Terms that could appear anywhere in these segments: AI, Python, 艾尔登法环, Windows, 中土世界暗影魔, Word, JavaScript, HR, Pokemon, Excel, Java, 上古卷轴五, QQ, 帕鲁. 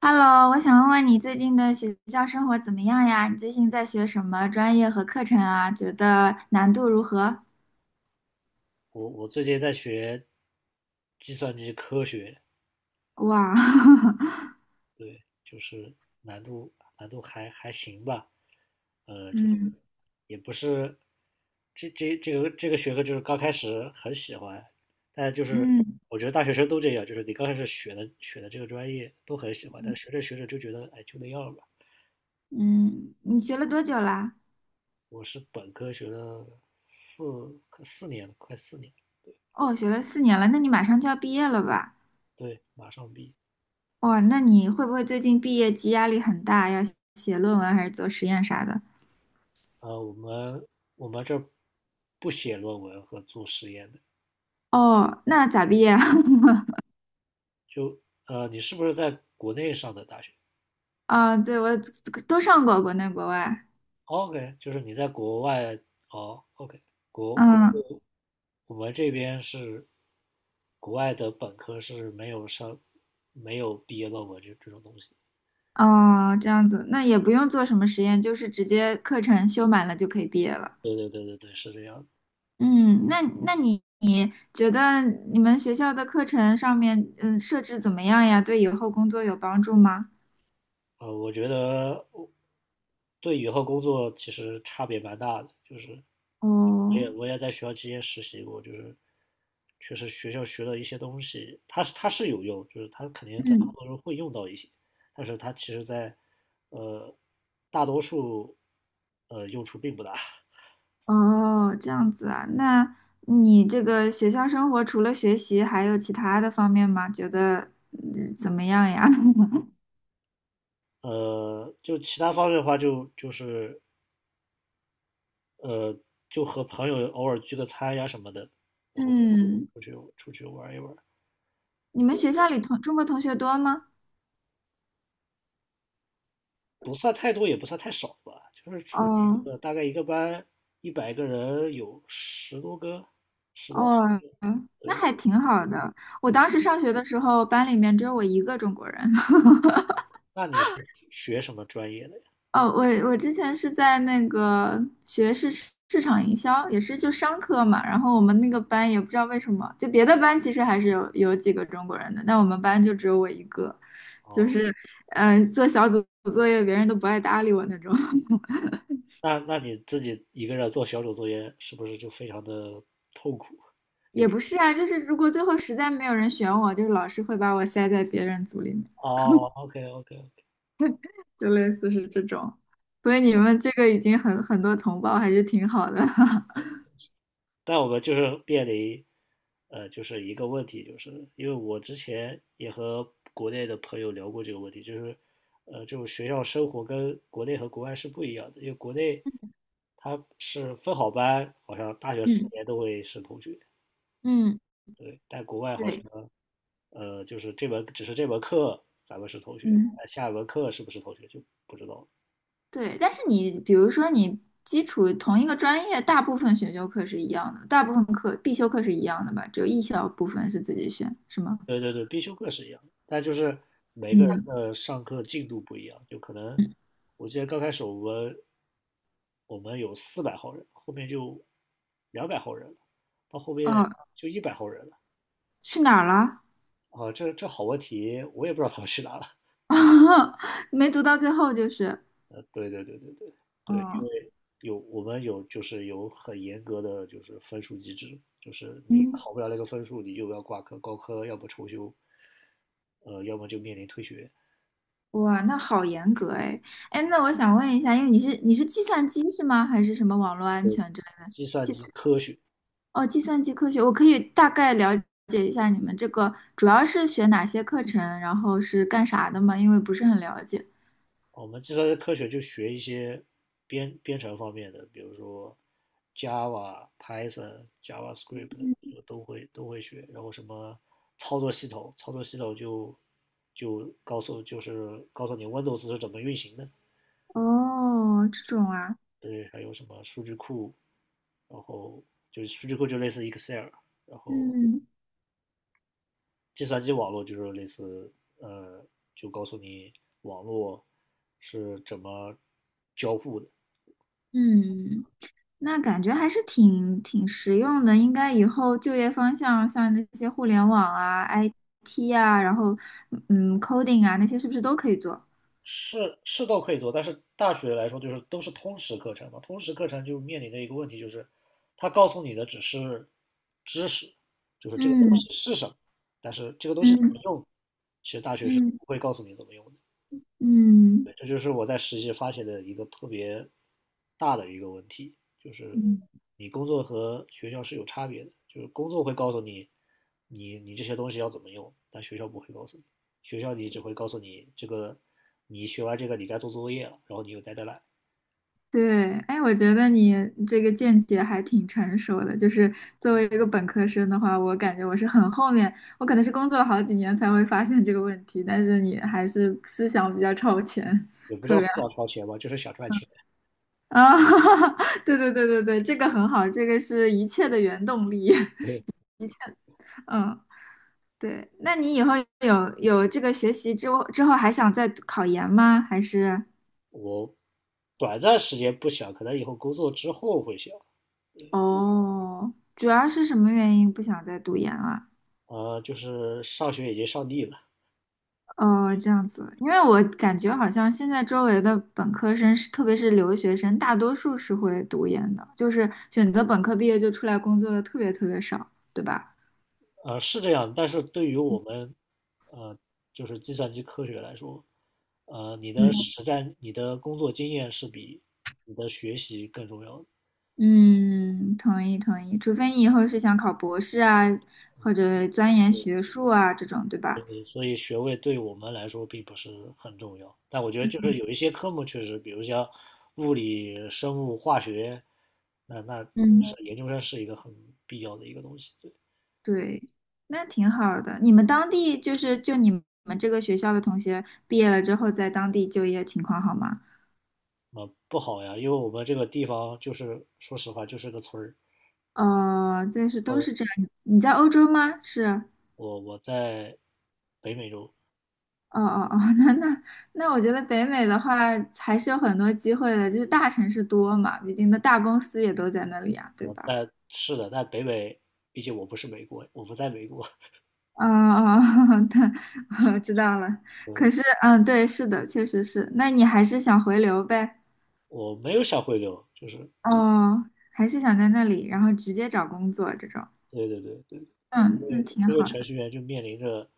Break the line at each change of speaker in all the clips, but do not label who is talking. Hello，我想问问你最近的学校生活怎么样呀？你最近在学什么专业和课程啊？觉得难度如何？
我最近在学计算机科学。
哇，
对，就是难度难度还行吧，就是
嗯
也不是，这个学科就是刚开始很喜欢，但就是
嗯
我觉得大学生都这样，就是你刚开始学的这个专业都很喜欢，但学着学着就觉得哎就那样吧。
嗯，你学了多久啦？
我是本科学了四年了，快四年，
哦，学了4年了，那你马上就要毕业了吧？
对，马上毕业。
哇，那你会不会最近毕业季压力很大，要写论文还是做实验啥的？
呃，我们我们这儿不写论文和做实验的。
哦，那咋毕业啊？
就你是不是在国内上的大学？
啊，对，我都上过国内国外，
哦？OK,就是你在国外，哦，OK,国，
嗯。
我们这边是，国外的本科是没有上，没有毕业论文这种东西。
哦，这样子，那也不用做什么实验，就是直接课程修满了就可以毕业了。
对对对对对是这样的。
嗯，那你觉得你们学校的课程上面，设置怎么样呀？对以后工作有帮助吗？
呃，我觉得对以后工作其实差别蛮大的，就是
哦，
我也在学校期间实习过，就是确实学校学的一些东西，它是有用，就是它肯定在工
嗯，
作中会用到一些，但是它其实在呃大多数用处并不大。
哦，这样子啊，那你这个学校生活除了学习，还有其他的方面吗？觉得，怎么样呀？
就其他方面的话就，就是呃，就和朋友偶尔聚个餐呀什么的，然后
嗯，
出去玩一玩。
你们学校里同中国同学多吗？
不算太多，也不算太少吧，就是处于一
哦
个大概一个班100个人，有10多个，十多二十
哦，
个。
那
对。
还挺好的。我当时上学的时候，班里面只有我一个中国人。
那你是学什么专业的呀？
哦，我之前是在那个学市场营销，也是就商科嘛。然后我们那个班也不知道为什么，就别的班其实还是有几个中国人的，但我们班就只有我一个，就
哦，
是做小组作业别人都不爱搭理我那种。
那你自己一个人做小组作业，是不是就非常的痛苦？
也
有，
不是啊，就是如果最后实在没有人选我，就是老师会把我塞在别人组里面。
哦，OK OK OK。
就类似是这种。所以你们这个已经很多同胞还是挺好的。
但我们就是面临，就是一个问题，就是因为我之前也和国内的朋友聊过这个问题，就是就种学校生活跟国内和国外是不一样的，因为国内他是分好班，好像大学四
嗯
年都会是同学。
嗯，
对，但国外好像
对
就是这门课咱们是同学，
嗯，
但下一门课是不是同学就不知道了。
对，但是你比如说你基础同一个专业，大部分选修课是一样的，大部分课必修课是一样的吧？只有一小部分是自己选，是吗？
对对对必修课是一样的，但就是每个人
嗯，
的上课进度不一样，就可能
嗯，
我记得刚开始我们我们有400号人，后面就200号人了，到后面
哦，
就100号人了。
去哪儿了？
啊，这好问题，我也不知道他们去哪了。
没读到最后就是，
呃，对对对对对对,因
哦
为我们有就是有很严格的就是分数机制，就是你
嗯，
考不了那个分数，你就要挂科、高科，要么重修，要么就面临退学。
哇，那好严格哎哎，那我想问一下，因为你是计算机是吗？还是什么网络安全之类的？
计算机科学。
哦，计算机科学，我可以大概了解一下你们这个主要是学哪些课程，然后是干啥的吗？因为不是很了解。
我们计算机科学就学一些编程方面的，比如说 Java、Python、JavaScript 就都会学，然后什么操作系统，操作系统就就告诉，就是告诉你 Windows 是怎么运行的。
哦，这种啊，
对，还有什么数据库，然后就是数据库就类似 Excel,然后
嗯
计算机网络就是类似，呃，就告诉你网络是怎么交互的。
嗯，那感觉还是挺实用的，应该以后就业方向像那些互联网啊、IT 啊，然后coding 啊那些是不是都可以做？
是，是都可以做，但是大学来说就是都是通识课程嘛，通识课程就面临的一个问题就是，它告诉你的只是知识，就是这个东
嗯
西是什么，但是这个东西怎么
嗯
用，其实大学是
嗯
不会告诉你怎么用的。
嗯
对，这就是我在实习发现的一个特别大的一个问题，就是
嗯。
你工作和学校是有差别的，就是工作会告诉你，你这些东西要怎么用，但学校不会告诉你，学校你只会告诉你这个，你学完这个你该做作业了，然后你又带 e 来。
对，哎，我觉得你这个见解还挺成熟的。就是作为一个本科生的话，我感觉我是很后面，我可能是工作了好几年才会发现这个问题。但是你还是思想比较超前，
也不
特
叫
别
思想超前吧，就是想赚钱。
啊，对对对对对，这个很好，这个是一切的原动力。
对。
嗯，对。那你以后有这个学习之后还想再考研吗？还是
我短暂时间不想，可能以后工作之后会想。
哦，主要是什么原因不想再读研了？
就是上学已经上腻了。
哦，这样子，因为我感觉好像现在周围的本科生是，特别是留学生，大多数是会读研的，就是选择本科毕业就出来工作的特别特别少，对吧？
是这样，但是对于我们，呃，就是计算机科学来说，你的
嗯，
实战、你的工作经验是比你的学习更重要的，
嗯，同意同意，除非你以后是想考博士啊，或者钻研学术啊这种，对吧？
所以学位对我们来说并不是很重要。但我觉得就是有一些科目确实，比如像物理、生物、化学，那
嗯，
是研究生是一个很必要的一个东西。对。
对，那挺好的。你们当地就你们这个学校的同学毕业了之后，在当地就业情况好吗？
不好呀，因为我们这个地方就是说实话就是个村儿，
哦，这是
村
都
儿。
是这样。你在欧洲吗？是，
我在北美洲。
哦哦哦，那那那，我觉得北美的话还是有很多机会的，就是大城市多嘛，毕竟的大公司也都在那里呀，对吧？
但是的，在北美，毕竟我不是美国，我不在美国。
哦哦，对，我知道 了。
嗯。
可是，嗯，对，是的，确实是。那你还是想回流呗？
我没有小回流，就是
哦，还是想在那里，然后直接找工作这种。
对对对对
嗯，
因
那
为
挺
因为
好
程
的。
序员就面临着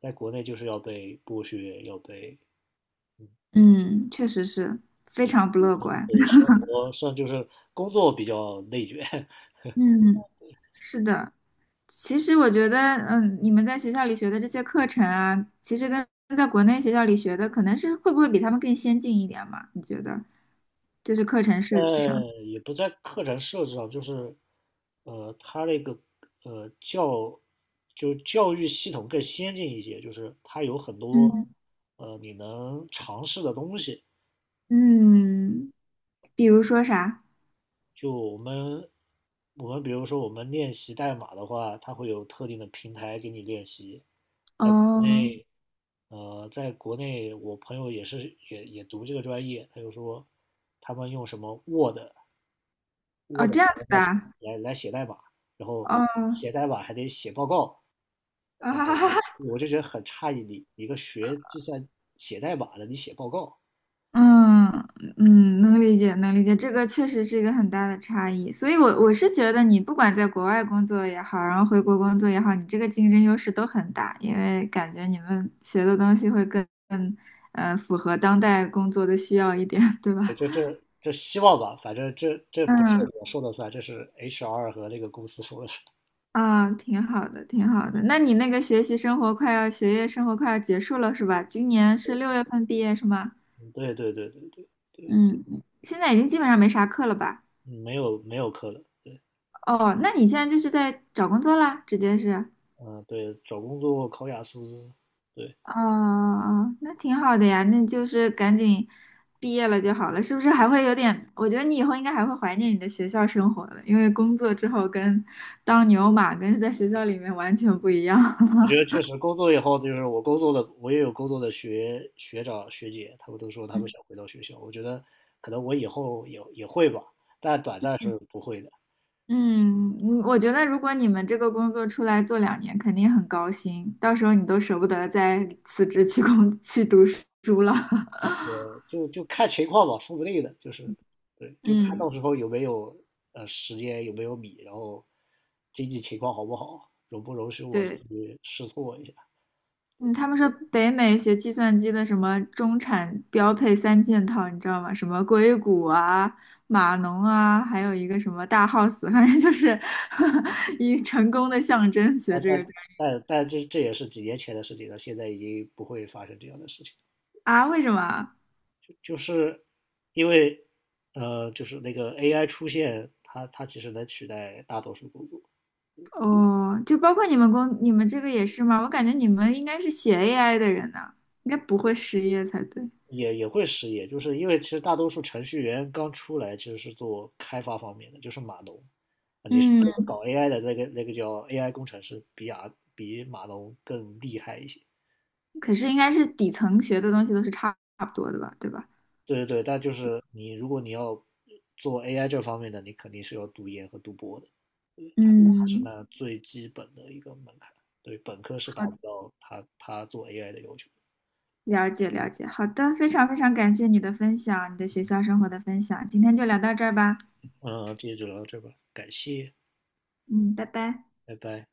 在国内就是要被剥削，要被，嗯，
嗯，确实是非常不乐观。
对，生活上就是工作比较内卷。
嗯，是的。其实我觉得，你们在学校里学的这些课程啊，其实跟在国内学校里学的，可能是会不会比他们更先进一点嘛？你觉得？就是课程设
但
置上，
也不在课程设置上，就是他那个呃教就教育系统更先进一些，就是它有很多
嗯
你能尝试的东西。
嗯，比如说啥？
就我们我们比如说我们练习代码的话，它会有特定的平台给你练习。在国
哦
内，在国内我朋友也是也读这个专业，他就说他们用什么 Word
哦，
Word
这样
来
子的
来
啊，
来来写代码，然后
哦，
写代码还得写报告，
啊
我就觉得很诧异，你一个学计算写代码的，你写报告？
嗯嗯，能理解，能理解，这个确实是一个很大的差异。所以我是觉得，你不管在国外工作也好，然后回国工作也好，你这个竞争优势都很大，因为感觉你们学的东西会更符合当代工作的需要一点，对吧？
这希望吧，反正这 不是
嗯
我说的算，这是 HR 和那个公司说的。
啊，挺好的，挺好的。那你那个学业生活快要结束了是吧？今年是6月份毕业是吗？
嗯，对对对对对
嗯，现在已经基本上没啥课了吧？
没有没有课了，
哦，那你现在就是在找工作啦，直接是。
嗯，对，找工作考雅思，对，
哦，哦那挺好的呀，那就是赶紧毕业了就好了，是不是还会有点？我觉得你以后应该还会怀念你的学校生活的，因为工作之后跟当牛马跟在学校里面完全不一样。
我觉得 确实工作以后，就是我工作的，我也有工作的学学长学姐，他们都说他们想回到学校，我觉得可能我以后也会吧，但短暂是不会的。
嗯，嗯我觉得如果你们这个工作出来做2年，肯定很高薪，到时候你都舍不得再辞职去读书了。
就看情况吧，说不定的，就是对，就看到
嗯，
时候有没有时间，有没有米，然后经济情况好不好，容不容许我
对。
去试错一下。
嗯，他们说北美学计算机的什么中产标配三件套，你知道吗？什么硅谷啊、码农啊，还有一个什么大 house，反正就是 一成功的象征。学这个专业
但这也是几年前的事情了，现在已经不会发生这样的事情，
啊？为什么啊
就是因为就是那个 AI 出现，它其实能取代大多数工作。
哦，就包括你们这个也是吗？我感觉你们应该是写 AI 的人呐、应该不会失业才对。
也会失业，就是因为其实大多数程序员刚出来其实是做开发方面的，就是码农啊。你是
嗯，
搞 AI 的，那个叫 AI 工程师，比码农更厉害一些。
可是应该是底层学的东西都是差不多的吧，对吧？
对对对但就是你如果你要做 AI 这方面的，你肯定是要读研和读博的。对，它还是
嗯，
那最基本的一个门槛。对，本科是达不
好
到它做 AI 的要求。
了解了解，好的，非常非常感谢你的分享，你的学校生活的分享，今天就聊到这儿吧，
嗯，今天就聊到这吧，感谢，
嗯，拜拜。
拜拜。